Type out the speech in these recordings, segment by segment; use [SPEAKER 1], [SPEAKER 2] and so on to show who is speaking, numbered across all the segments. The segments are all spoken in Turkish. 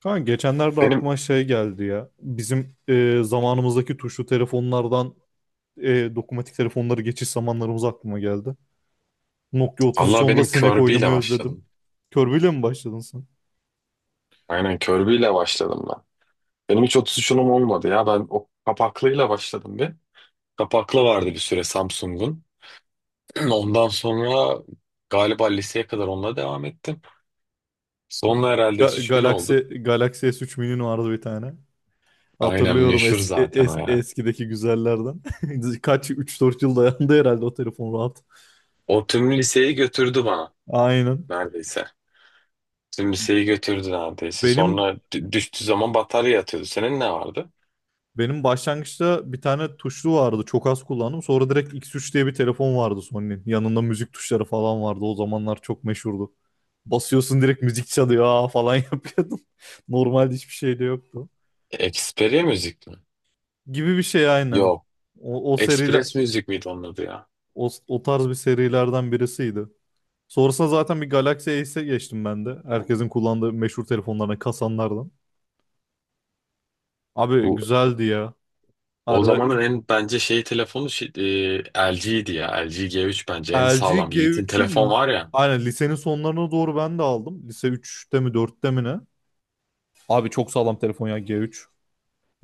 [SPEAKER 1] Kanka geçenlerde
[SPEAKER 2] Benim
[SPEAKER 1] aklıma şey geldi ya. Bizim zamanımızdaki tuşlu telefonlardan dokunmatik telefonları geçiş zamanlarımız aklıma geldi. Nokia
[SPEAKER 2] Allah
[SPEAKER 1] 3310'da
[SPEAKER 2] benim
[SPEAKER 1] sinek
[SPEAKER 2] Kirby ile
[SPEAKER 1] oynamayı özledim.
[SPEAKER 2] başladım.
[SPEAKER 1] Körbeyle mi başladın sen?
[SPEAKER 2] Aynen Kirby ile başladım ben. Benim hiç 33'ünüm olmadı ya. Ben o kapaklıyla başladım bir. Kapaklı vardı bir süre Samsung'un. Ondan sonra galiba liseye kadar onunla devam ettim. Sonra herhalde S3000
[SPEAKER 1] Galaxy,
[SPEAKER 2] oldu.
[SPEAKER 1] Galaxy S3 Mini'nin vardı bir tane.
[SPEAKER 2] Aynen
[SPEAKER 1] Hatırlıyorum
[SPEAKER 2] meşhur zaten o ya.
[SPEAKER 1] eskideki güzellerden. Kaç üç dört yıl dayandı herhalde o telefon rahat.
[SPEAKER 2] O tüm liseyi götürdü bana
[SPEAKER 1] Aynen.
[SPEAKER 2] neredeyse. Tüm liseyi götürdü neredeyse.
[SPEAKER 1] Benim
[SPEAKER 2] Sonra düştüğü zaman batarya yatıyordu. Senin ne vardı?
[SPEAKER 1] Benim başlangıçta bir tane tuşlu vardı. Çok az kullandım. Sonra direkt X3 diye bir telefon vardı Sony'nin. Yanında müzik tuşları falan vardı. O zamanlar çok meşhurdu. Basıyorsun direkt müzik çalıyor, aa falan yapıyordum. Normalde hiçbir şey de yoktu.
[SPEAKER 2] Xperia müzik mi?
[SPEAKER 1] Gibi bir şey aynen.
[SPEAKER 2] Yok.
[SPEAKER 1] O seriler,
[SPEAKER 2] Express müzik miydi onun adı ya?
[SPEAKER 1] o tarz bir serilerden birisiydi. Sonrasında zaten bir Galaxy Ace geçtim ben de. Herkesin kullandığı meşhur telefonlarına kasanlardan. Abi güzeldi ya.
[SPEAKER 2] O
[SPEAKER 1] Ara
[SPEAKER 2] zamanın en bence şey telefonu şey, LG'ydi ya. LG G3 bence en
[SPEAKER 1] LG
[SPEAKER 2] sağlam. Yiğit'in
[SPEAKER 1] G3'ü
[SPEAKER 2] telefon
[SPEAKER 1] li-
[SPEAKER 2] var ya.
[SPEAKER 1] aynen lisenin sonlarına doğru ben de aldım. Lise üçte mi dörtte mi ne? Abi çok sağlam telefon ya G3.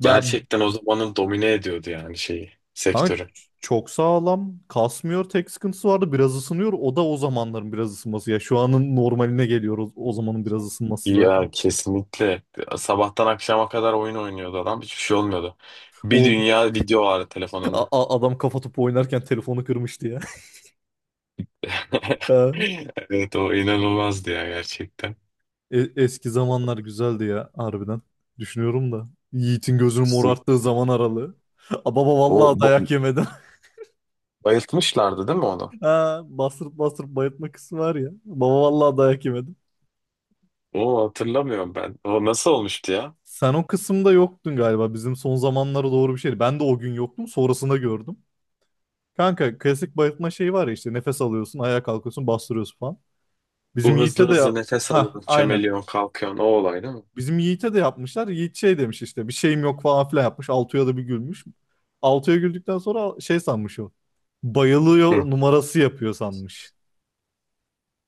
[SPEAKER 1] Ben
[SPEAKER 2] o zamanın domine ediyordu yani şeyi,
[SPEAKER 1] kanka
[SPEAKER 2] sektörü.
[SPEAKER 1] çok sağlam. Kasmıyor, tek sıkıntısı vardı. Biraz ısınıyor. O da o zamanların biraz ısınması. Ya şu anın normaline geliyor o zamanın biraz ısınması zaten.
[SPEAKER 2] Ya kesinlikle. Sabahtan akşama kadar oyun oynuyordu adam. Hiçbir şey olmuyordu. Bir
[SPEAKER 1] O
[SPEAKER 2] dünya video vardı telefonunda.
[SPEAKER 1] adam kafa topu oynarken telefonu kırmıştı ya. Ha,
[SPEAKER 2] Evet o inanılmazdı ya gerçekten.
[SPEAKER 1] eski zamanlar güzeldi ya harbiden. Düşünüyorum da. Yiğit'in gözünü
[SPEAKER 2] Sizin-
[SPEAKER 1] morarttığı zaman aralığı. Aa, Baba
[SPEAKER 2] O
[SPEAKER 1] vallahi
[SPEAKER 2] bo-
[SPEAKER 1] dayak yemedim.
[SPEAKER 2] Bayıltmışlardı değil mi onu?
[SPEAKER 1] Ha, bastırıp bastırıp bayıltma kısmı var ya. Baba vallahi dayak yemedim.
[SPEAKER 2] O hatırlamıyorum ben. O nasıl olmuştu ya?
[SPEAKER 1] Sen o kısımda yoktun galiba. Bizim son zamanlara doğru bir şeydi. Ben de o gün yoktum. Sonrasında gördüm. Kanka klasik bayıltma şeyi var ya, işte nefes alıyorsun, ayağa kalkıyorsun, bastırıyorsun falan. Bizim
[SPEAKER 2] Bu hızlı
[SPEAKER 1] Yiğit'e de
[SPEAKER 2] hızlı nefes
[SPEAKER 1] ha
[SPEAKER 2] alıyorsun,
[SPEAKER 1] aynen.
[SPEAKER 2] çömeliyorsun, kalkıyorsun. O olay değil mi?
[SPEAKER 1] Bizim Yiğit'e de yapmışlar. Yiğit şey demiş, işte bir şeyim yok falan filan yapmış. Altuğ'a da bir gülmüş. Altuğ'a güldükten sonra şey sanmış o. Bayılıyor
[SPEAKER 2] Hı.
[SPEAKER 1] numarası yapıyor sanmış.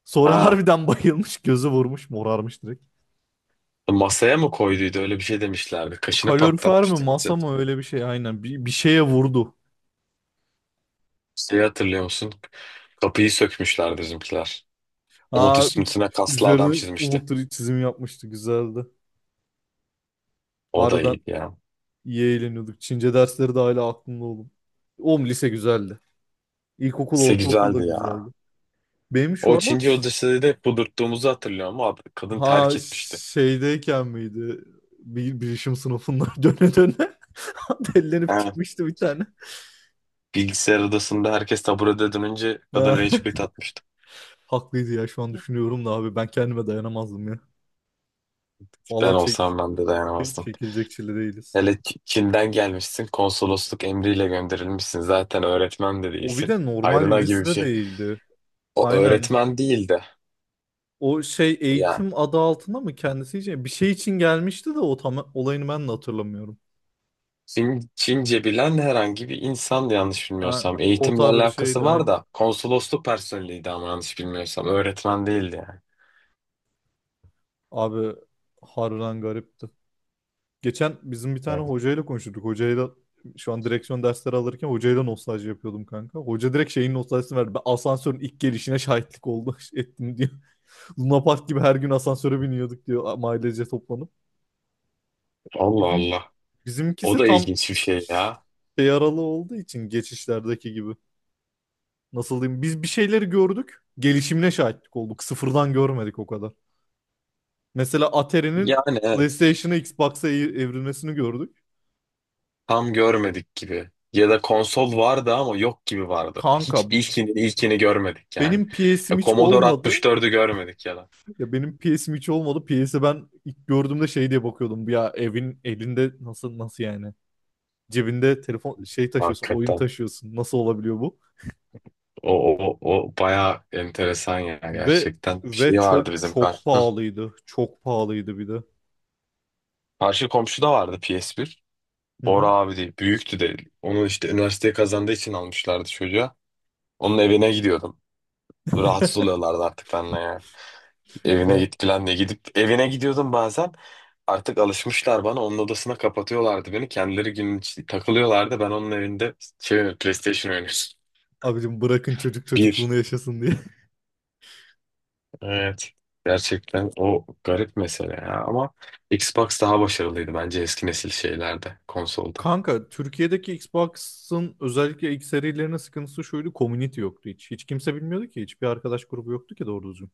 [SPEAKER 1] Sonra
[SPEAKER 2] Ha.
[SPEAKER 1] harbiden bayılmış, gözü vurmuş, morarmış.
[SPEAKER 2] Masaya mı koyduydu? Öyle bir şey demişlerdi. Kaşını
[SPEAKER 1] Kalorifer mi
[SPEAKER 2] patlatmıştı.
[SPEAKER 1] masa mı öyle bir şey aynen bir şeye vurdu.
[SPEAKER 2] Şeyi hatırlıyor musun? Kapıyı sökmüşlerdi bizimkiler. Umut
[SPEAKER 1] Aa,
[SPEAKER 2] üstüne kaslı adam
[SPEAKER 1] üzerine
[SPEAKER 2] çizmişti.
[SPEAKER 1] Umut'un çizim yapmıştı, güzeldi.
[SPEAKER 2] O da
[SPEAKER 1] Harbiden
[SPEAKER 2] iyiydi ya.
[SPEAKER 1] iyi eğleniyorduk. Çince dersleri de hala aklımda oğlum. Oğlum lise güzeldi. İlkokul,
[SPEAKER 2] Se
[SPEAKER 1] ortaokul da
[SPEAKER 2] güzeldi ya.
[SPEAKER 1] güzeldi. Benim şu
[SPEAKER 2] O Çinci
[SPEAKER 1] aralar,
[SPEAKER 2] odasında da kudurttuğumuzu hatırlıyorum ama kadın
[SPEAKER 1] ha,
[SPEAKER 2] terk etmişti.
[SPEAKER 1] şeydeyken miydi? Bir bilişim sınıfından döne döne dellenip
[SPEAKER 2] Ha.
[SPEAKER 1] çıkmıştı bir tane.
[SPEAKER 2] Bilgisayar odasında herkes taburede dönünce kadın
[SPEAKER 1] Ha,
[SPEAKER 2] rage quit atmıştı.
[SPEAKER 1] haklıydı ya, şu an düşünüyorum da abi ben kendime dayanamazdım ya.
[SPEAKER 2] Ben
[SPEAKER 1] Valla
[SPEAKER 2] olsam ben de dayanamazdım.
[SPEAKER 1] çekilecek çile değiliz.
[SPEAKER 2] Hele Çin'den gelmişsin, konsolosluk emriyle gönderilmişsin. Zaten öğretmen de
[SPEAKER 1] O bir
[SPEAKER 2] değilsin.
[SPEAKER 1] de normal
[SPEAKER 2] Hayrına gibi
[SPEAKER 1] birisi
[SPEAKER 2] bir
[SPEAKER 1] de
[SPEAKER 2] şey.
[SPEAKER 1] değildi.
[SPEAKER 2] O
[SPEAKER 1] Aynen.
[SPEAKER 2] öğretmen değil de
[SPEAKER 1] O şey
[SPEAKER 2] yani
[SPEAKER 1] eğitim adı altında mı kendisi için? Bir şey için gelmişti de, o tam olayını ben de hatırlamıyorum.
[SPEAKER 2] Çince bilen herhangi bir insan yanlış
[SPEAKER 1] Ha,
[SPEAKER 2] bilmiyorsam.
[SPEAKER 1] o
[SPEAKER 2] Eğitimle
[SPEAKER 1] tarz bir şeydi
[SPEAKER 2] alakası var
[SPEAKER 1] aynı.
[SPEAKER 2] da konsolosluk personeliydi ama yanlış bilmiyorsam. Öğretmen değildi yani.
[SPEAKER 1] Abi harbiden garipti. Geçen bizim bir tane
[SPEAKER 2] Evet.
[SPEAKER 1] hocayla konuştuk. Hocayla şu an direksiyon dersleri alırken hocayla nostalji yapıyordum kanka. Hoca direkt şeyin nostaljisini verdi. Ben asansörün ilk gelişine şahitlik oldu ettim diyor. Luna Park gibi her gün asansöre biniyorduk diyor ailece toplanıp.
[SPEAKER 2] Allah Allah. O
[SPEAKER 1] Bizimkisi
[SPEAKER 2] da
[SPEAKER 1] tam
[SPEAKER 2] ilginç bir şey ya.
[SPEAKER 1] şey aralığı olduğu için geçişlerdeki gibi. Nasıl diyeyim? Biz bir şeyleri gördük. Gelişimine şahitlik olduk. Sıfırdan görmedik o kadar. Mesela Atari'nin
[SPEAKER 2] Yani evet.
[SPEAKER 1] PlayStation'a Xbox'a evrilmesini gördük.
[SPEAKER 2] Tam görmedik gibi. Ya da konsol vardı ama yok gibi vardı.
[SPEAKER 1] Kanka
[SPEAKER 2] Hiç ilkini görmedik yani.
[SPEAKER 1] benim PS'im
[SPEAKER 2] Ya
[SPEAKER 1] hiç
[SPEAKER 2] Commodore
[SPEAKER 1] olmadı.
[SPEAKER 2] 64'ü görmedik ya da.
[SPEAKER 1] Ya benim PS'im hiç olmadı. PS'i ben ilk gördüğümde şey diye bakıyordum. Ya evin elinde, nasıl nasıl yani? Cebinde telefon şey taşıyorsun, oyun
[SPEAKER 2] Hakikaten.
[SPEAKER 1] taşıyorsun. Nasıl olabiliyor bu?
[SPEAKER 2] O bayağı enteresan ya
[SPEAKER 1] Ve
[SPEAKER 2] gerçekten. Bir
[SPEAKER 1] ve
[SPEAKER 2] şey vardı
[SPEAKER 1] çok
[SPEAKER 2] bizim
[SPEAKER 1] çok
[SPEAKER 2] kar. Hı.
[SPEAKER 1] pahalıydı. Çok pahalıydı bir de.
[SPEAKER 2] Karşı komşuda vardı PS1.
[SPEAKER 1] Hı
[SPEAKER 2] Bora
[SPEAKER 1] hı.
[SPEAKER 2] abi değil. Büyüktü de. Onu işte üniversiteye kazandığı için almışlardı çocuğa. Onun evine gidiyordum. Rahatsız oluyorlardı artık benle ya. Evine git falan diye gidip evine gidiyordum bazen. Artık alışmışlar bana. Onun odasına kapatıyorlardı beni. Kendileri günün takılıyorlardı. Ben onun evinde şey oynuyorum, PlayStation oynuyorum.
[SPEAKER 1] Abicim, bırakın çocuk
[SPEAKER 2] Bir.
[SPEAKER 1] çocukluğunu yaşasın diye.
[SPEAKER 2] Evet. Gerçekten o garip mesele ya. Ama Xbox daha başarılıydı bence eski nesil şeylerde, konsolda.
[SPEAKER 1] Kanka Türkiye'deki Xbox'ın özellikle ilk serilerinin sıkıntısı şuydu. Community yoktu hiç. Hiç kimse bilmiyordu ki. Hiçbir arkadaş grubu yoktu ki doğru düzgün.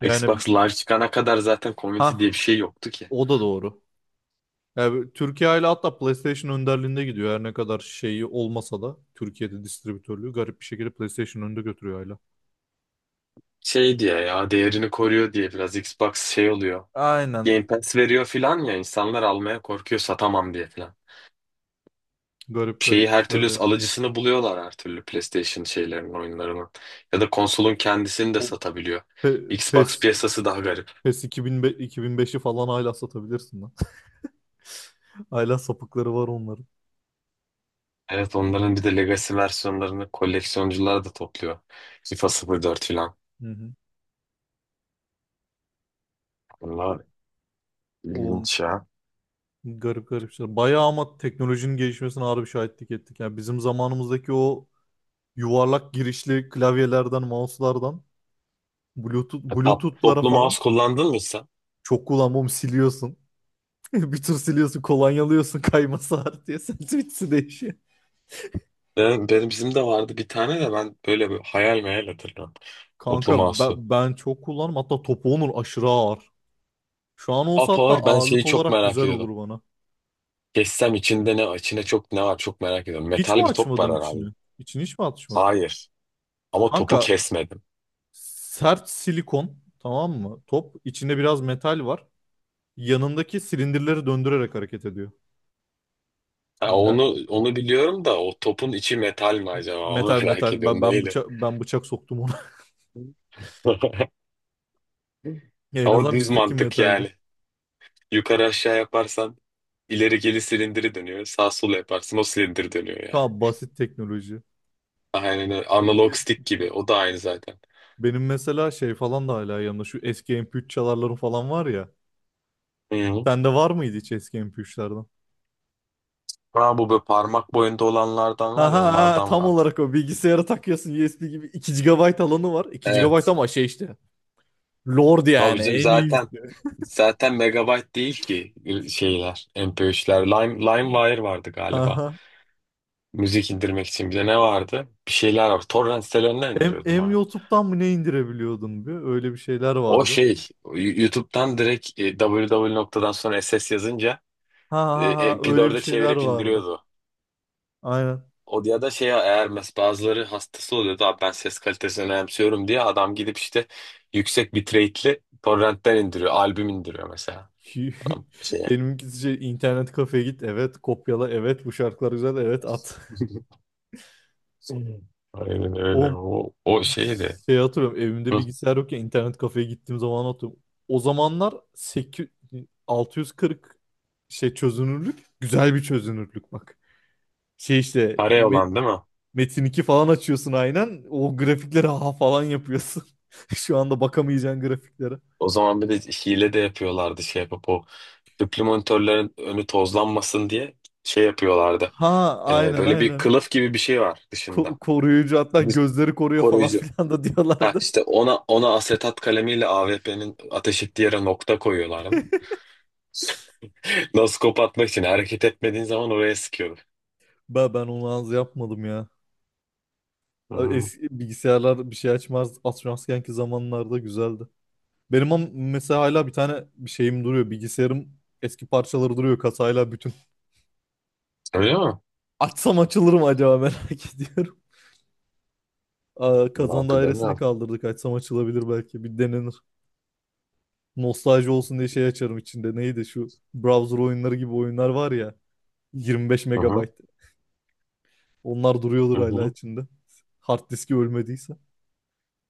[SPEAKER 1] Yani,
[SPEAKER 2] Xbox Live çıkana kadar zaten community
[SPEAKER 1] ha,
[SPEAKER 2] diye bir şey yoktu ki.
[SPEAKER 1] o da doğru. Yani Türkiye ile hatta PlayStation önderliğinde gidiyor. Her ne kadar şeyi olmasa da, Türkiye'de distribütörlüğü garip bir şekilde PlayStation önde götürüyor hala.
[SPEAKER 2] Şey diye ya değerini koruyor diye biraz Xbox şey oluyor.
[SPEAKER 1] Aynen.
[SPEAKER 2] Game Pass veriyor filan ya insanlar almaya korkuyor satamam diye filan.
[SPEAKER 1] Garip
[SPEAKER 2] Şeyi
[SPEAKER 1] garip
[SPEAKER 2] her
[SPEAKER 1] işler
[SPEAKER 2] türlü
[SPEAKER 1] ya.
[SPEAKER 2] alıcısını buluyorlar her türlü PlayStation şeylerin oyunlarının. Ya da konsolun kendisini de
[SPEAKER 1] O,
[SPEAKER 2] satabiliyor. Xbox
[SPEAKER 1] PES,
[SPEAKER 2] piyasası daha garip.
[SPEAKER 1] PES 2005, 2005'i falan hala satabilirsin lan. Hala sapıkları var onların.
[SPEAKER 2] Evet onların bir de Legacy versiyonlarını koleksiyoncular da topluyor. FIFA 04 falan.
[SPEAKER 1] Hı hı.
[SPEAKER 2] Bunlar
[SPEAKER 1] O
[SPEAKER 2] ilginç ya.
[SPEAKER 1] garip garip şeyler. Bayağı ama teknolojinin gelişmesine harbi şahitlik ettik. Yani bizim zamanımızdaki o yuvarlak girişli klavyelerden, mouse'lardan, Bluetooth,
[SPEAKER 2] E,
[SPEAKER 1] Bluetooth'lara
[SPEAKER 2] toplu
[SPEAKER 1] falan
[SPEAKER 2] mouse kullandın mı sen?
[SPEAKER 1] çok kullanmam, siliyorsun. Bir tür siliyorsun, kolonyalıyorsun, kayması var diye. Sentimizi değişiyor.
[SPEAKER 2] Benim bizim de vardı bir tane de ben böyle bir hayal meyal hatırlıyorum. Toplu
[SPEAKER 1] Kanka
[SPEAKER 2] mouse'u.
[SPEAKER 1] ben çok kullanırım. Hatta topu onun aşırı ağır. Şu an olsa hatta
[SPEAKER 2] Apower ben şeyi
[SPEAKER 1] ağırlık
[SPEAKER 2] çok
[SPEAKER 1] olarak
[SPEAKER 2] merak
[SPEAKER 1] güzel
[SPEAKER 2] ediyordum.
[SPEAKER 1] olur bana.
[SPEAKER 2] Kessem içinde ne, içine çok ne var çok merak ediyorum.
[SPEAKER 1] Hiç
[SPEAKER 2] Metal
[SPEAKER 1] mi
[SPEAKER 2] bir top
[SPEAKER 1] açmadın
[SPEAKER 2] var herhalde.
[SPEAKER 1] içini? İçini hiç mi açmadın?
[SPEAKER 2] Hayır. Ama topu
[SPEAKER 1] Kanka
[SPEAKER 2] kesmedim.
[SPEAKER 1] sert silikon, tamam mı? Top içinde biraz metal var. Yanındaki silindirleri döndürerek hareket ediyor.
[SPEAKER 2] Ha,
[SPEAKER 1] Ya,
[SPEAKER 2] onu biliyorum da o topun içi metal mi acaba? Onu
[SPEAKER 1] metal
[SPEAKER 2] merak
[SPEAKER 1] metal. Ben,
[SPEAKER 2] ediyorum.
[SPEAKER 1] ben
[SPEAKER 2] Neydi?
[SPEAKER 1] bıçak ben bıçak soktum ona. Ya, en
[SPEAKER 2] O
[SPEAKER 1] azından
[SPEAKER 2] düz
[SPEAKER 1] bizdeki
[SPEAKER 2] mantık
[SPEAKER 1] metaldi.
[SPEAKER 2] yani. Yukarı aşağı yaparsan ileri geri silindiri dönüyor. Sağ sol yaparsın o silindir dönüyor yani.
[SPEAKER 1] Tamam, basit teknoloji.
[SPEAKER 2] Aynen öyle. Analog
[SPEAKER 1] Ge-
[SPEAKER 2] stick gibi. O da aynı zaten.
[SPEAKER 1] Benim mesela şey falan da hala yanımda. Şu eski MP3 çalarları falan var ya.
[SPEAKER 2] Hı. Hı.
[SPEAKER 1] Sende var mıydı hiç eski MP3'lerden?
[SPEAKER 2] Ha, bu böyle parmak boyunda olanlardan
[SPEAKER 1] Ha
[SPEAKER 2] var ya
[SPEAKER 1] ha ha,
[SPEAKER 2] onlardan
[SPEAKER 1] tam
[SPEAKER 2] vardı.
[SPEAKER 1] olarak o, bilgisayara takıyorsun USB gibi, 2 gigabayt alanı var. 2 gigabayt
[SPEAKER 2] Evet.
[SPEAKER 1] ama şey işte. Lord yani
[SPEAKER 2] Tabii canım
[SPEAKER 1] en iyisi.
[SPEAKER 2] zaten megabyte değil ki şeyler MP3'ler. LimeWire vardı galiba.
[SPEAKER 1] Aha.
[SPEAKER 2] Müzik indirmek için bir de ne vardı? Bir şeyler var. Torrent sitelerinden
[SPEAKER 1] M
[SPEAKER 2] indiriyordum.
[SPEAKER 1] M YouTube'dan mı ne indirebiliyordun bir? Öyle bir şeyler
[SPEAKER 2] O
[SPEAKER 1] vardı.
[SPEAKER 2] şey YouTube'dan direkt www noktadan sonra SS yazınca
[SPEAKER 1] Ha ha ha, öyle bir
[SPEAKER 2] MP4'e
[SPEAKER 1] şeyler
[SPEAKER 2] çevirip
[SPEAKER 1] vardı.
[SPEAKER 2] indiriyordu.
[SPEAKER 1] Aynen.
[SPEAKER 2] O ya da şey eğer bazıları hastası oluyordu abi ben ses kalitesini önemsiyorum diye adam gidip işte yüksek bitrate'li torrentten indiriyor. Albüm indiriyor mesela.
[SPEAKER 1] Ki-
[SPEAKER 2] Adam şeye.
[SPEAKER 1] Benimkisi şey, internet kafeye git, evet, kopyala, evet, bu şarkılar güzel, evet, at.
[SPEAKER 2] Aynen
[SPEAKER 1] O
[SPEAKER 2] öyle. O şeydi.
[SPEAKER 1] şey hatırlıyorum, evimde
[SPEAKER 2] Hı.
[SPEAKER 1] bilgisayar yok ya, internet kafeye gittiğim zaman atıyorum. O zamanlar 8, 640 şey çözünürlük, güzel bir çözünürlük bak. Şey işte
[SPEAKER 2] Kare olan değil mi?
[SPEAKER 1] Metin iki falan açıyorsun aynen. O grafiklere ha falan yapıyorsun. Şu anda bakamayacağın grafiklere.
[SPEAKER 2] O zaman bir de hile de yapıyorlardı şey yapıp o tüplü monitörlerin önü tozlanmasın diye şey yapıyorlardı.
[SPEAKER 1] Ha, aynen
[SPEAKER 2] Böyle bir
[SPEAKER 1] aynen.
[SPEAKER 2] kılıf gibi bir şey var
[SPEAKER 1] Ko-
[SPEAKER 2] dışında.
[SPEAKER 1] koruyucu hatta
[SPEAKER 2] Dış-
[SPEAKER 1] gözleri koruyor falan
[SPEAKER 2] Koruyucu.
[SPEAKER 1] filan da
[SPEAKER 2] Ha
[SPEAKER 1] diyorlardı.
[SPEAKER 2] işte ona asetat kalemiyle AWP'nin ateş ettiği yere nokta koyuyorlardı. Noskop atmak için hareket etmediğin zaman oraya sıkıyordu.
[SPEAKER 1] Ben onu az yapmadım ya. Abi
[SPEAKER 2] Hmm.
[SPEAKER 1] eski bilgisayarlar bir şey açmaz. Atmazkenki zamanlarda güzeldi. Benim mesela hala bir tane bir şeyim duruyor. Bilgisayarım, eski parçaları duruyor kasayla bütün.
[SPEAKER 2] Öyle mi?
[SPEAKER 1] Açsam açılır mı acaba, merak ediyorum. Aa,
[SPEAKER 2] Vallahi
[SPEAKER 1] kazan dairesini
[SPEAKER 2] bilemiyorum.
[SPEAKER 1] kaldırdık. Açsam açılabilir belki. Bir denenir. Nostalji olsun diye şey açarım içinde. Neydi şu browser oyunları gibi oyunlar var ya. 25
[SPEAKER 2] Hı hı.
[SPEAKER 1] megabayt. Onlar duruyordur
[SPEAKER 2] Hı
[SPEAKER 1] hala
[SPEAKER 2] hı.
[SPEAKER 1] içinde. Hard diski ölmediyse.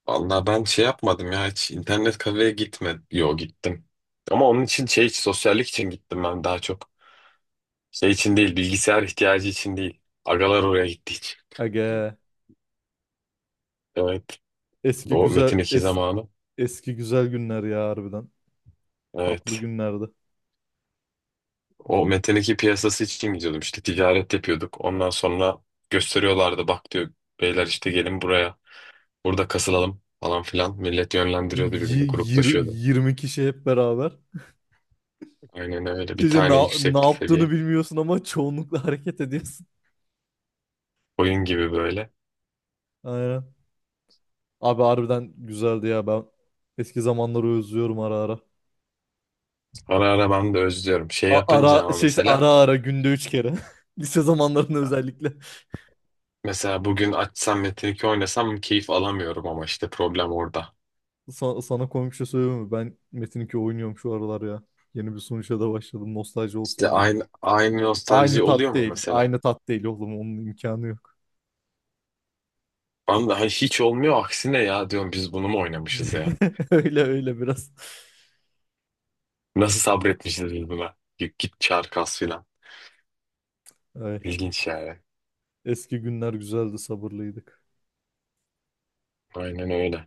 [SPEAKER 2] Vallahi ben şey yapmadım ya hiç internet kafeye gitmedim. Yo gittim. Ama onun için şey sosyallik için gittim ben daha çok. Şey için değil bilgisayar ihtiyacı için değil. Agalar oraya gitti hiç.
[SPEAKER 1] Aga,
[SPEAKER 2] Evet.
[SPEAKER 1] eski
[SPEAKER 2] O
[SPEAKER 1] güzel
[SPEAKER 2] Metin 2
[SPEAKER 1] es-
[SPEAKER 2] zamanı.
[SPEAKER 1] eski güzel günler ya harbiden. Tatlı
[SPEAKER 2] Evet.
[SPEAKER 1] günlerdi.
[SPEAKER 2] O metin piyasası için gidiyordum işte ticaret yapıyorduk. Ondan sonra gösteriyorlardı bak diyor beyler işte gelin buraya burada kasılalım falan filan. Millet yönlendiriyordu birbirini
[SPEAKER 1] Y- yir-
[SPEAKER 2] gruplaşıyordu.
[SPEAKER 1] yirmi kişi hep beraber.
[SPEAKER 2] Aynen öyle bir
[SPEAKER 1] İşte ne,
[SPEAKER 2] tane
[SPEAKER 1] ne
[SPEAKER 2] yüksek
[SPEAKER 1] yaptığını
[SPEAKER 2] seviye
[SPEAKER 1] bilmiyorsun ama çoğunlukla hareket ediyorsun.
[SPEAKER 2] oyun gibi böyle.
[SPEAKER 1] Aynen. Abi harbiden güzeldi ya, ben eski zamanları özlüyorum ara ara.
[SPEAKER 2] Ara ara ben de özlüyorum. Şey
[SPEAKER 1] A-
[SPEAKER 2] yapınca
[SPEAKER 1] ara
[SPEAKER 2] ama
[SPEAKER 1] şey işte,
[SPEAKER 2] mesela
[SPEAKER 1] ara ara günde üç kere. Lise zamanlarında özellikle.
[SPEAKER 2] mesela bugün açsam Metin2 oynasam keyif alamıyorum ama işte problem orada.
[SPEAKER 1] Sana komik bir şey söyleyeyim mi? Ben Metin2 oynuyorum şu aralar ya. Yeni bir sunuşa da başladım nostalji
[SPEAKER 2] İşte
[SPEAKER 1] olsun diye.
[SPEAKER 2] aynı nostalji
[SPEAKER 1] Aynı
[SPEAKER 2] oluyor
[SPEAKER 1] tat
[SPEAKER 2] mu
[SPEAKER 1] değil.
[SPEAKER 2] mesela?
[SPEAKER 1] Aynı tat değil oğlum. Onun imkanı yok.
[SPEAKER 2] Ben de hiç olmuyor aksine ya diyorum biz bunu mu oynamışız ya?
[SPEAKER 1] Öyle öyle biraz.
[SPEAKER 2] Nasıl sabretmişiz biz buna? Git git çağır kas filan.
[SPEAKER 1] Ay,
[SPEAKER 2] İlginç yani.
[SPEAKER 1] eski günler güzeldi, sabırlıydık.
[SPEAKER 2] Aynen öyle.